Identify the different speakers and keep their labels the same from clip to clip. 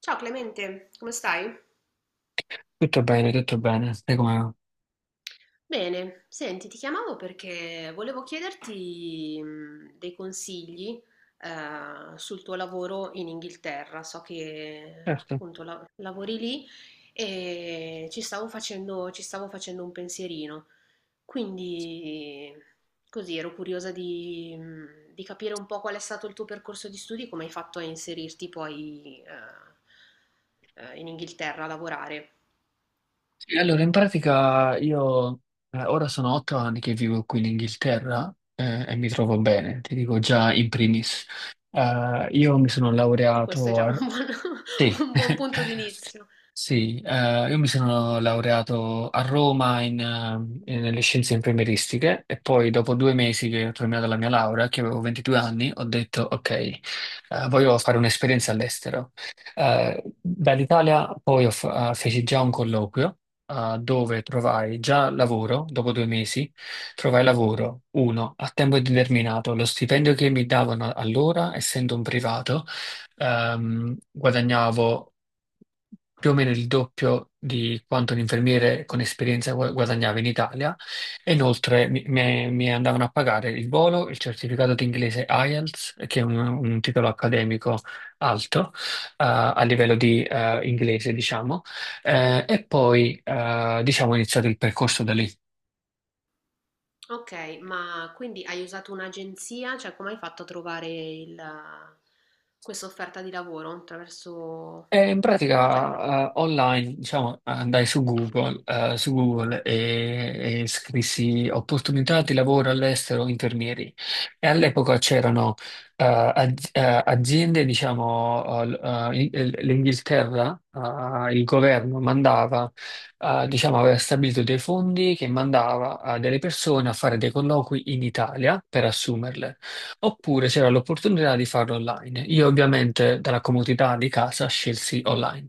Speaker 1: Ciao Clemente, come stai?
Speaker 2: Tutto bene, tutto bene. Sai come va?
Speaker 1: Bene, senti, ti chiamavo perché volevo chiederti dei consigli sul tuo lavoro in Inghilterra. So che
Speaker 2: Certo.
Speaker 1: appunto lavori lì e ci stavo facendo un pensierino. Quindi così ero curiosa di capire un po' qual è stato il tuo percorso di studi, come hai fatto a inserirti poi in Inghilterra a lavorare.
Speaker 2: Sì, allora, in pratica io ora sono 8 anni che vivo qui in Inghilterra, e mi trovo bene, ti dico già in primis. Io mi sono
Speaker 1: E questo è
Speaker 2: laureato
Speaker 1: già un
Speaker 2: a...
Speaker 1: buon,
Speaker 2: Sì,
Speaker 1: un buon punto d'inizio.
Speaker 2: Sì, io mi sono laureato a Roma nelle scienze infermieristiche, e poi dopo 2 mesi che ho terminato la mia laurea, che avevo 22 anni, ho detto ok. Voglio fare un'esperienza all'estero. Dall'Italia poi feci già un colloquio, dove trovai già lavoro, dopo 2 mesi trovai lavoro, uno, a tempo indeterminato. Lo stipendio che mi davano allora, essendo un privato, guadagnavo più o meno il doppio di quanto un infermiere con esperienza guadagnava in Italia, e inoltre mi andavano a pagare il volo, il certificato di inglese IELTS, che è un titolo accademico alto, a livello di inglese, diciamo. E poi, diciamo, ho iniziato il percorso da lì.
Speaker 1: Ok, ma quindi hai usato un'agenzia? Cioè, come hai fatto a trovare questa offerta di lavoro? Attraverso...
Speaker 2: E in
Speaker 1: Cioè, proprio...
Speaker 2: pratica, online, diciamo, andai su Google, e scrissi opportunità di lavoro all'estero infermieri. E all'epoca c'erano aziende, diciamo, l'Inghilterra, il governo mandava, diciamo, aveva stabilito dei fondi che mandava a delle persone a fare dei colloqui in Italia per assumerle. Oppure c'era l'opportunità di farlo online. Io ovviamente dalla comodità di casa scelsi online.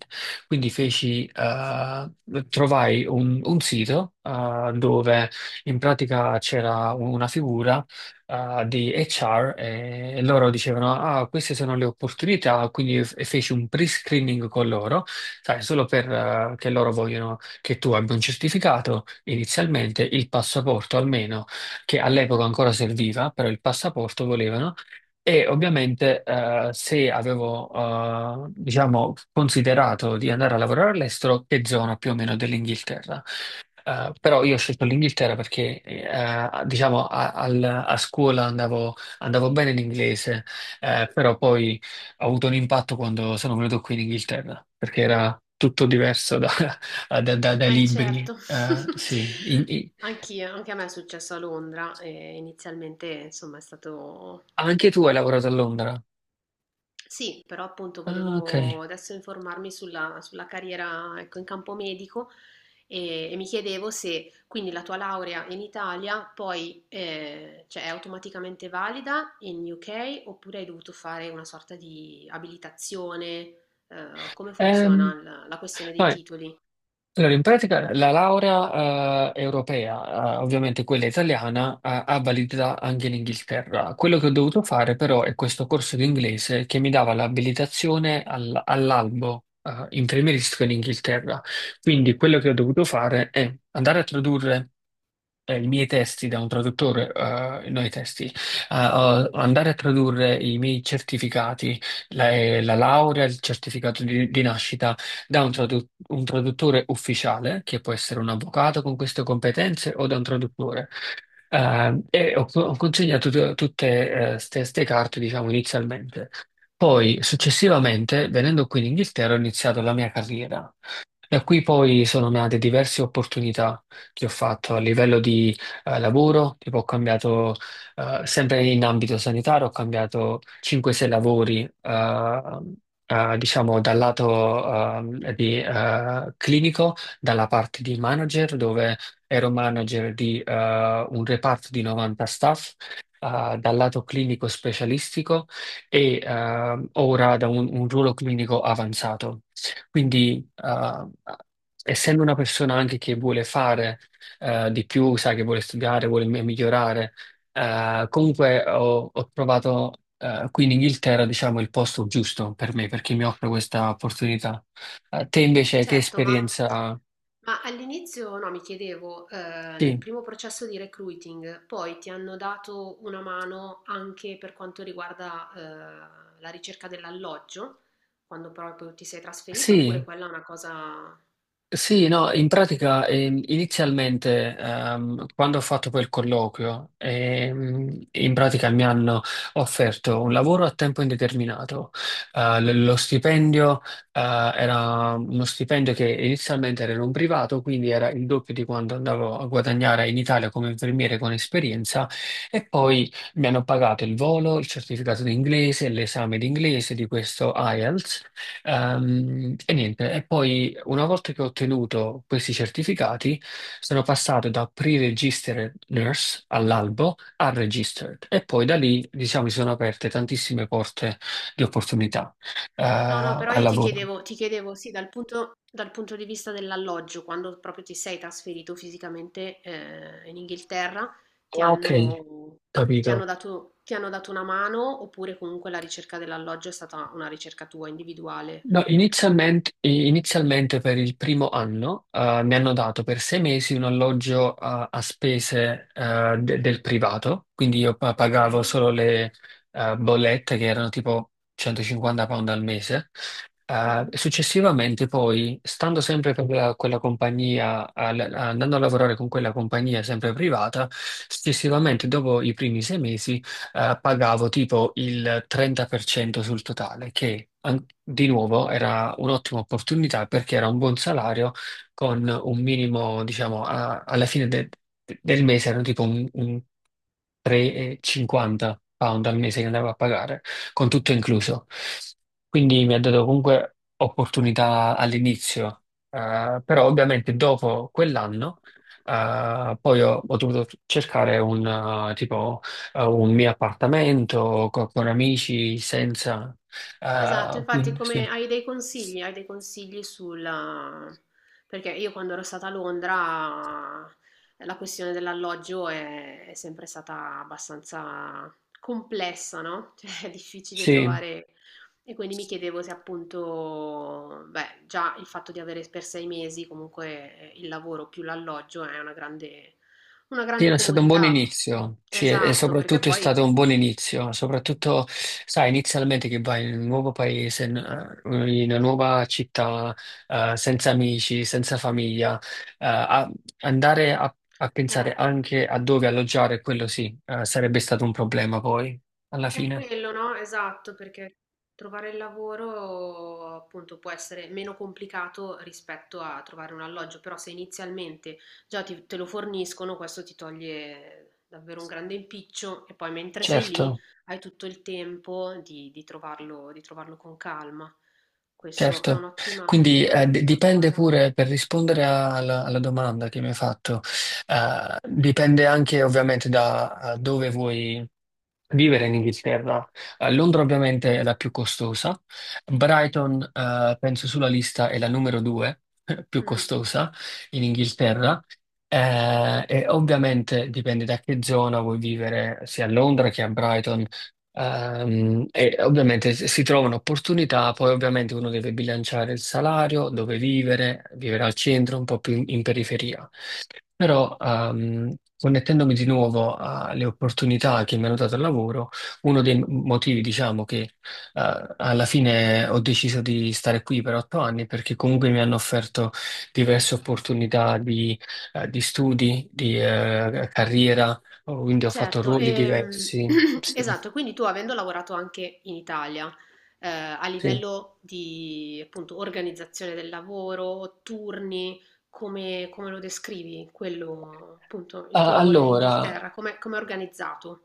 Speaker 2: Quindi feci, trovai un sito, dove in pratica c'era una figura, di HR, e loro dicevano: ah, queste sono le opportunità. Quindi feci un pre-screening con loro, sai, solo per, che loro vogliono che tu abbia un certificato, inizialmente il passaporto almeno, che all'epoca
Speaker 1: Mhm.
Speaker 2: ancora serviva, però il passaporto volevano. E ovviamente, se avevo, diciamo, considerato di andare a lavorare all'estero, che zona più o meno dell'Inghilterra. Però io ho scelto l'Inghilterra, perché, diciamo, a scuola andavo bene in inglese, però poi ho avuto un impatto quando sono venuto qui in Inghilterra, perché era tutto diverso dai libri.
Speaker 1: Certo.
Speaker 2: Sì.
Speaker 1: Anch'io, anche a me è successo a Londra e inizialmente, insomma, è stato
Speaker 2: Anche tu hai lavorato a Londra?
Speaker 1: sì, però appunto
Speaker 2: Ah, ok.
Speaker 1: volevo adesso informarmi sulla carriera, ecco, in campo medico e mi chiedevo se quindi la tua laurea in Italia poi cioè, è automaticamente valida in UK oppure hai dovuto fare una sorta di abilitazione, come
Speaker 2: Ehm,
Speaker 1: funziona la questione dei
Speaker 2: Vabbè.
Speaker 1: titoli?
Speaker 2: Allora, in pratica la laurea europea, ovviamente quella italiana, ha validità anche in Inghilterra. Quello che ho dovuto fare però è questo corso di inglese che mi dava l'abilitazione all'albo, infermieristico, in Inghilterra. Quindi quello che ho dovuto fare è andare a tradurre i miei testi da un traduttore, no i testi, ho- andare a tradurre i miei certificati, la laurea, il certificato di nascita, da un traduttore ufficiale, che può essere un avvocato con queste competenze, o da un traduttore. Ho consegnato tutte queste carte, diciamo, inizialmente. Poi, successivamente, venendo qui in Inghilterra, ho iniziato la mia carriera. Da qui poi sono nate diverse opportunità che ho fatto a livello di lavoro. Tipo ho cambiato, sempre in ambito sanitario, ho cambiato 5-6 lavori, diciamo, dal lato, clinico, dalla parte di manager, dove ero manager di un reparto di 90 staff, dal lato clinico specialistico, e, ora, da un ruolo clinico avanzato. Quindi, essendo una persona anche che vuole fare di più, sai, che vuole studiare, vuole migliorare, comunque ho trovato, qui in Inghilterra, diciamo, il posto giusto per me, perché mi offre questa opportunità. Te invece che
Speaker 1: Certo,
Speaker 2: esperienza?
Speaker 1: ma all'inizio no, mi chiedevo, nel
Speaker 2: Sì,
Speaker 1: primo processo di recruiting, poi ti hanno dato una mano anche per quanto riguarda, la ricerca dell'alloggio, quando proprio ti sei trasferito, oppure
Speaker 2: sì.
Speaker 1: quella è una cosa
Speaker 2: Sì, no, in
Speaker 1: che
Speaker 2: pratica inizialmente, quando ho fatto quel colloquio, in pratica mi hanno offerto un lavoro a tempo indeterminato. Lo stipendio era uno stipendio che inizialmente era in un privato, quindi era il doppio di quanto andavo a guadagnare in Italia come infermiere con esperienza, e poi mi hanno pagato il volo, il certificato di inglese, l'esame di inglese, di questo IELTS. E niente, e poi una volta che ho ottenuto questi certificati, sono passato da pre-registered nurse all'albo a registered, e poi da lì, diciamo, si sono aperte tantissime porte di opportunità
Speaker 1: no, no, però
Speaker 2: al
Speaker 1: io
Speaker 2: lavoro.
Speaker 1: ti chiedevo, sì, dal punto di vista dell'alloggio, quando proprio ti sei trasferito fisicamente in Inghilterra, ti
Speaker 2: Ah, ok,
Speaker 1: hanno,
Speaker 2: capito.
Speaker 1: ti hanno dato una mano oppure comunque la ricerca dell'alloggio è stata una ricerca tua individuale?
Speaker 2: No, inizialmente per il primo anno, mi hanno dato per 6 mesi un alloggio a spese, del privato, quindi io
Speaker 1: Ok.
Speaker 2: pagavo solo le bollette, che erano tipo 150 pound al mese.
Speaker 1: Mhm.
Speaker 2: Successivamente poi, stando sempre per quella compagnia, andando a lavorare con quella compagnia sempre privata, successivamente dopo i primi 6 mesi pagavo tipo il 30% sul totale, che di nuovo era un'ottima opportunità, perché era un buon salario, con un minimo, diciamo, alla fine del mese, erano tipo un 3,50 pound al mese che andavo a pagare, con tutto incluso. Quindi mi ha dato comunque opportunità all'inizio, però ovviamente dopo quell'anno poi ho dovuto cercare un tipo, un mio appartamento con amici, senza.
Speaker 1: Esatto, infatti
Speaker 2: Quindi
Speaker 1: come
Speaker 2: sì.
Speaker 1: hai dei consigli sulla... perché io quando ero stata a Londra la questione dell'alloggio è sempre stata abbastanza complessa, no? Cioè è difficile
Speaker 2: Sì.
Speaker 1: trovare e quindi mi chiedevo se appunto, beh, già il fatto di avere per sei mesi comunque il lavoro più l'alloggio è una
Speaker 2: Sì,
Speaker 1: grande
Speaker 2: è stato un buon
Speaker 1: comodità.
Speaker 2: inizio, sì, e
Speaker 1: Esatto, perché
Speaker 2: soprattutto è
Speaker 1: poi...
Speaker 2: stato un buon inizio, soprattutto, sai, inizialmente che vai in un nuovo paese, in una nuova città, senza amici, senza famiglia, eh, a- andare a pensare
Speaker 1: Eh,
Speaker 2: anche a dove alloggiare, quello sì, sarebbe stato un problema poi, alla
Speaker 1: è
Speaker 2: fine,
Speaker 1: quello, no? Esatto, perché trovare il lavoro appunto può essere meno complicato rispetto a trovare un alloggio, però se inizialmente già te lo forniscono, questo ti toglie davvero un grande impiccio e poi mentre sei lì
Speaker 2: certo.
Speaker 1: hai tutto il tempo di trovarlo con calma. Questo
Speaker 2: Certo, quindi
Speaker 1: è un'ottima
Speaker 2: dipende
Speaker 1: cosa.
Speaker 2: pure, per rispondere alla domanda che mi hai fatto, dipende anche ovviamente da dove vuoi vivere in Inghilterra. Londra ovviamente è la più costosa. Brighton, penso sulla lista, è la numero due più
Speaker 1: Mm.
Speaker 2: costosa in Inghilterra. E ovviamente dipende da che zona vuoi vivere, sia a Londra che a Brighton. E ovviamente si trovano opportunità, poi ovviamente uno deve bilanciare il salario, dove vivere, vivere al centro, un po' più in periferia. Però, connettendomi di nuovo alle opportunità che mi hanno dato il lavoro, uno dei motivi, diciamo, che alla fine ho deciso di stare qui per 8 anni, perché comunque mi hanno offerto diverse opportunità di studi, di carriera, quindi ho fatto
Speaker 1: Certo,
Speaker 2: ruoli diversi. Sì,
Speaker 1: esatto, quindi tu avendo lavorato anche in Italia, a
Speaker 2: sì.
Speaker 1: livello di appunto organizzazione del lavoro, turni, come, come lo descrivi, quello, appunto, il tuo
Speaker 2: Ah,
Speaker 1: lavoro in
Speaker 2: Allora,
Speaker 1: Inghilterra, come, come è organizzato?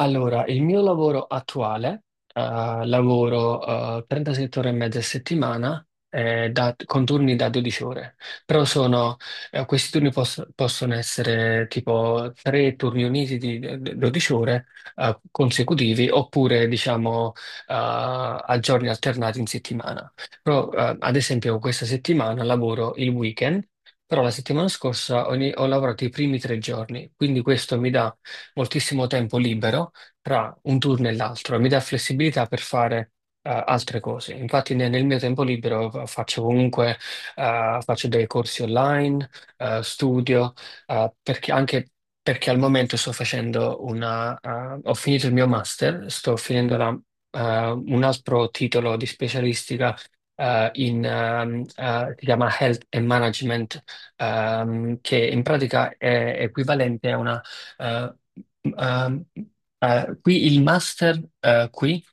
Speaker 2: Allora, il mio lavoro attuale, eh, lavoro 37 ore e mezza a settimana, con turni da 12 ore. Però sono, questi turni possono essere tipo tre turni uniti di 12 ore, consecutivi, oppure, diciamo, a giorni alternati in settimana. Però, ad esempio, questa settimana lavoro il weekend, però la settimana scorsa ho lavorato i primi 3 giorni, quindi questo mi dà moltissimo tempo libero tra un turno e l'altro, e mi dà flessibilità per fare altre cose. Infatti nel mio tempo libero faccio comunque faccio dei corsi online, studio, perché anche, perché al momento sto facendo ho finito il mio master, sto finendo un altro titolo di specialistica, si chiama Health and Management, che in pratica è equivalente a una. eh, ehm, Qui il master, qui,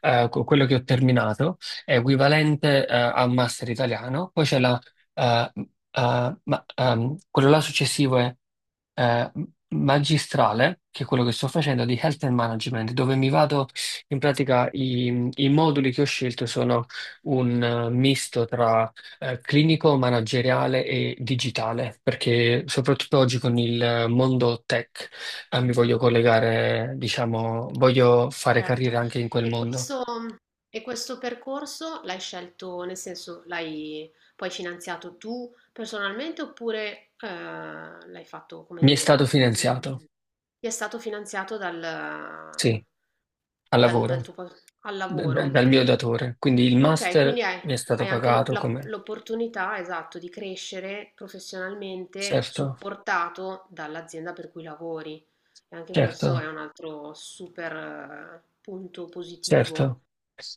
Speaker 2: quello che ho terminato, è equivalente, a un master italiano. Poi c'è eh, quello là successivo, è eh, magistrale, che è quello che sto facendo, di Health and Management, dove mi vado in pratica, i moduli che ho scelto sono un misto tra clinico, manageriale e digitale, perché soprattutto oggi con il mondo tech, mi voglio collegare, diciamo, voglio fare carriera
Speaker 1: Certo,
Speaker 2: anche in quel
Speaker 1: e
Speaker 2: mondo.
Speaker 1: questo, e questo percorso l'hai scelto, nel senso l'hai poi finanziato tu personalmente oppure l'hai fatto, come
Speaker 2: Mi è stato
Speaker 1: dire,
Speaker 2: finanziato,
Speaker 1: in- ti è stato finanziato
Speaker 2: sì, al
Speaker 1: dal
Speaker 2: lavoro,
Speaker 1: tuo al lavoro?
Speaker 2: dal mio datore, quindi il
Speaker 1: Ok, quindi
Speaker 2: master
Speaker 1: hai,
Speaker 2: mi è stato
Speaker 1: hai anche
Speaker 2: pagato come.
Speaker 1: l'opportunità, esatto, di crescere professionalmente
Speaker 2: Certo,
Speaker 1: supportato dall'azienda per cui lavori. E anche questo è
Speaker 2: certo,
Speaker 1: un altro super punto positivo
Speaker 2: certo.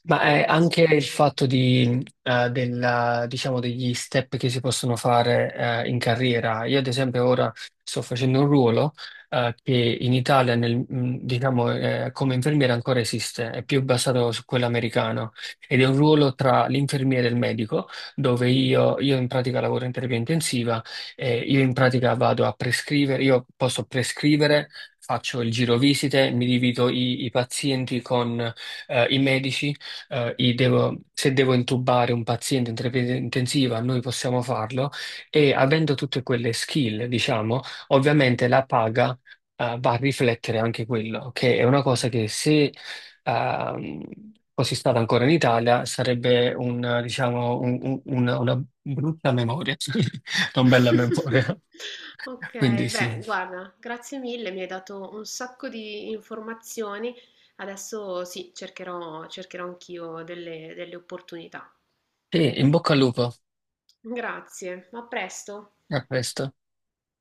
Speaker 2: Ma
Speaker 1: che
Speaker 2: è anche il fatto di, diciamo, degli step che si possono fare in carriera. Io, ad esempio, ora sto facendo un ruolo che in Italia, diciamo, come infermiere ancora esiste, è più basato su quello americano, ed è un ruolo tra l'infermiere e il medico, dove io in pratica lavoro in terapia intensiva, e io in pratica vado a prescrivere, io posso prescrivere. Faccio il giro visite, mi divido i pazienti con i medici, se devo intubare un paziente in terapia intensiva, noi possiamo farlo, e avendo tutte quelle skill, diciamo, ovviamente la paga va a riflettere anche quello, che è una cosa che, se, ehm, fossi stata ancora in Italia, sarebbe diciamo, una brutta memoria, non bella memoria.
Speaker 1: Ok,
Speaker 2: Quindi sì.
Speaker 1: beh, guarda, grazie mille, mi hai dato un sacco di informazioni. Adesso sì, cercherò, cercherò anch'io delle opportunità.
Speaker 2: E in bocca al lupo,
Speaker 1: Grazie, a presto.
Speaker 2: a presto.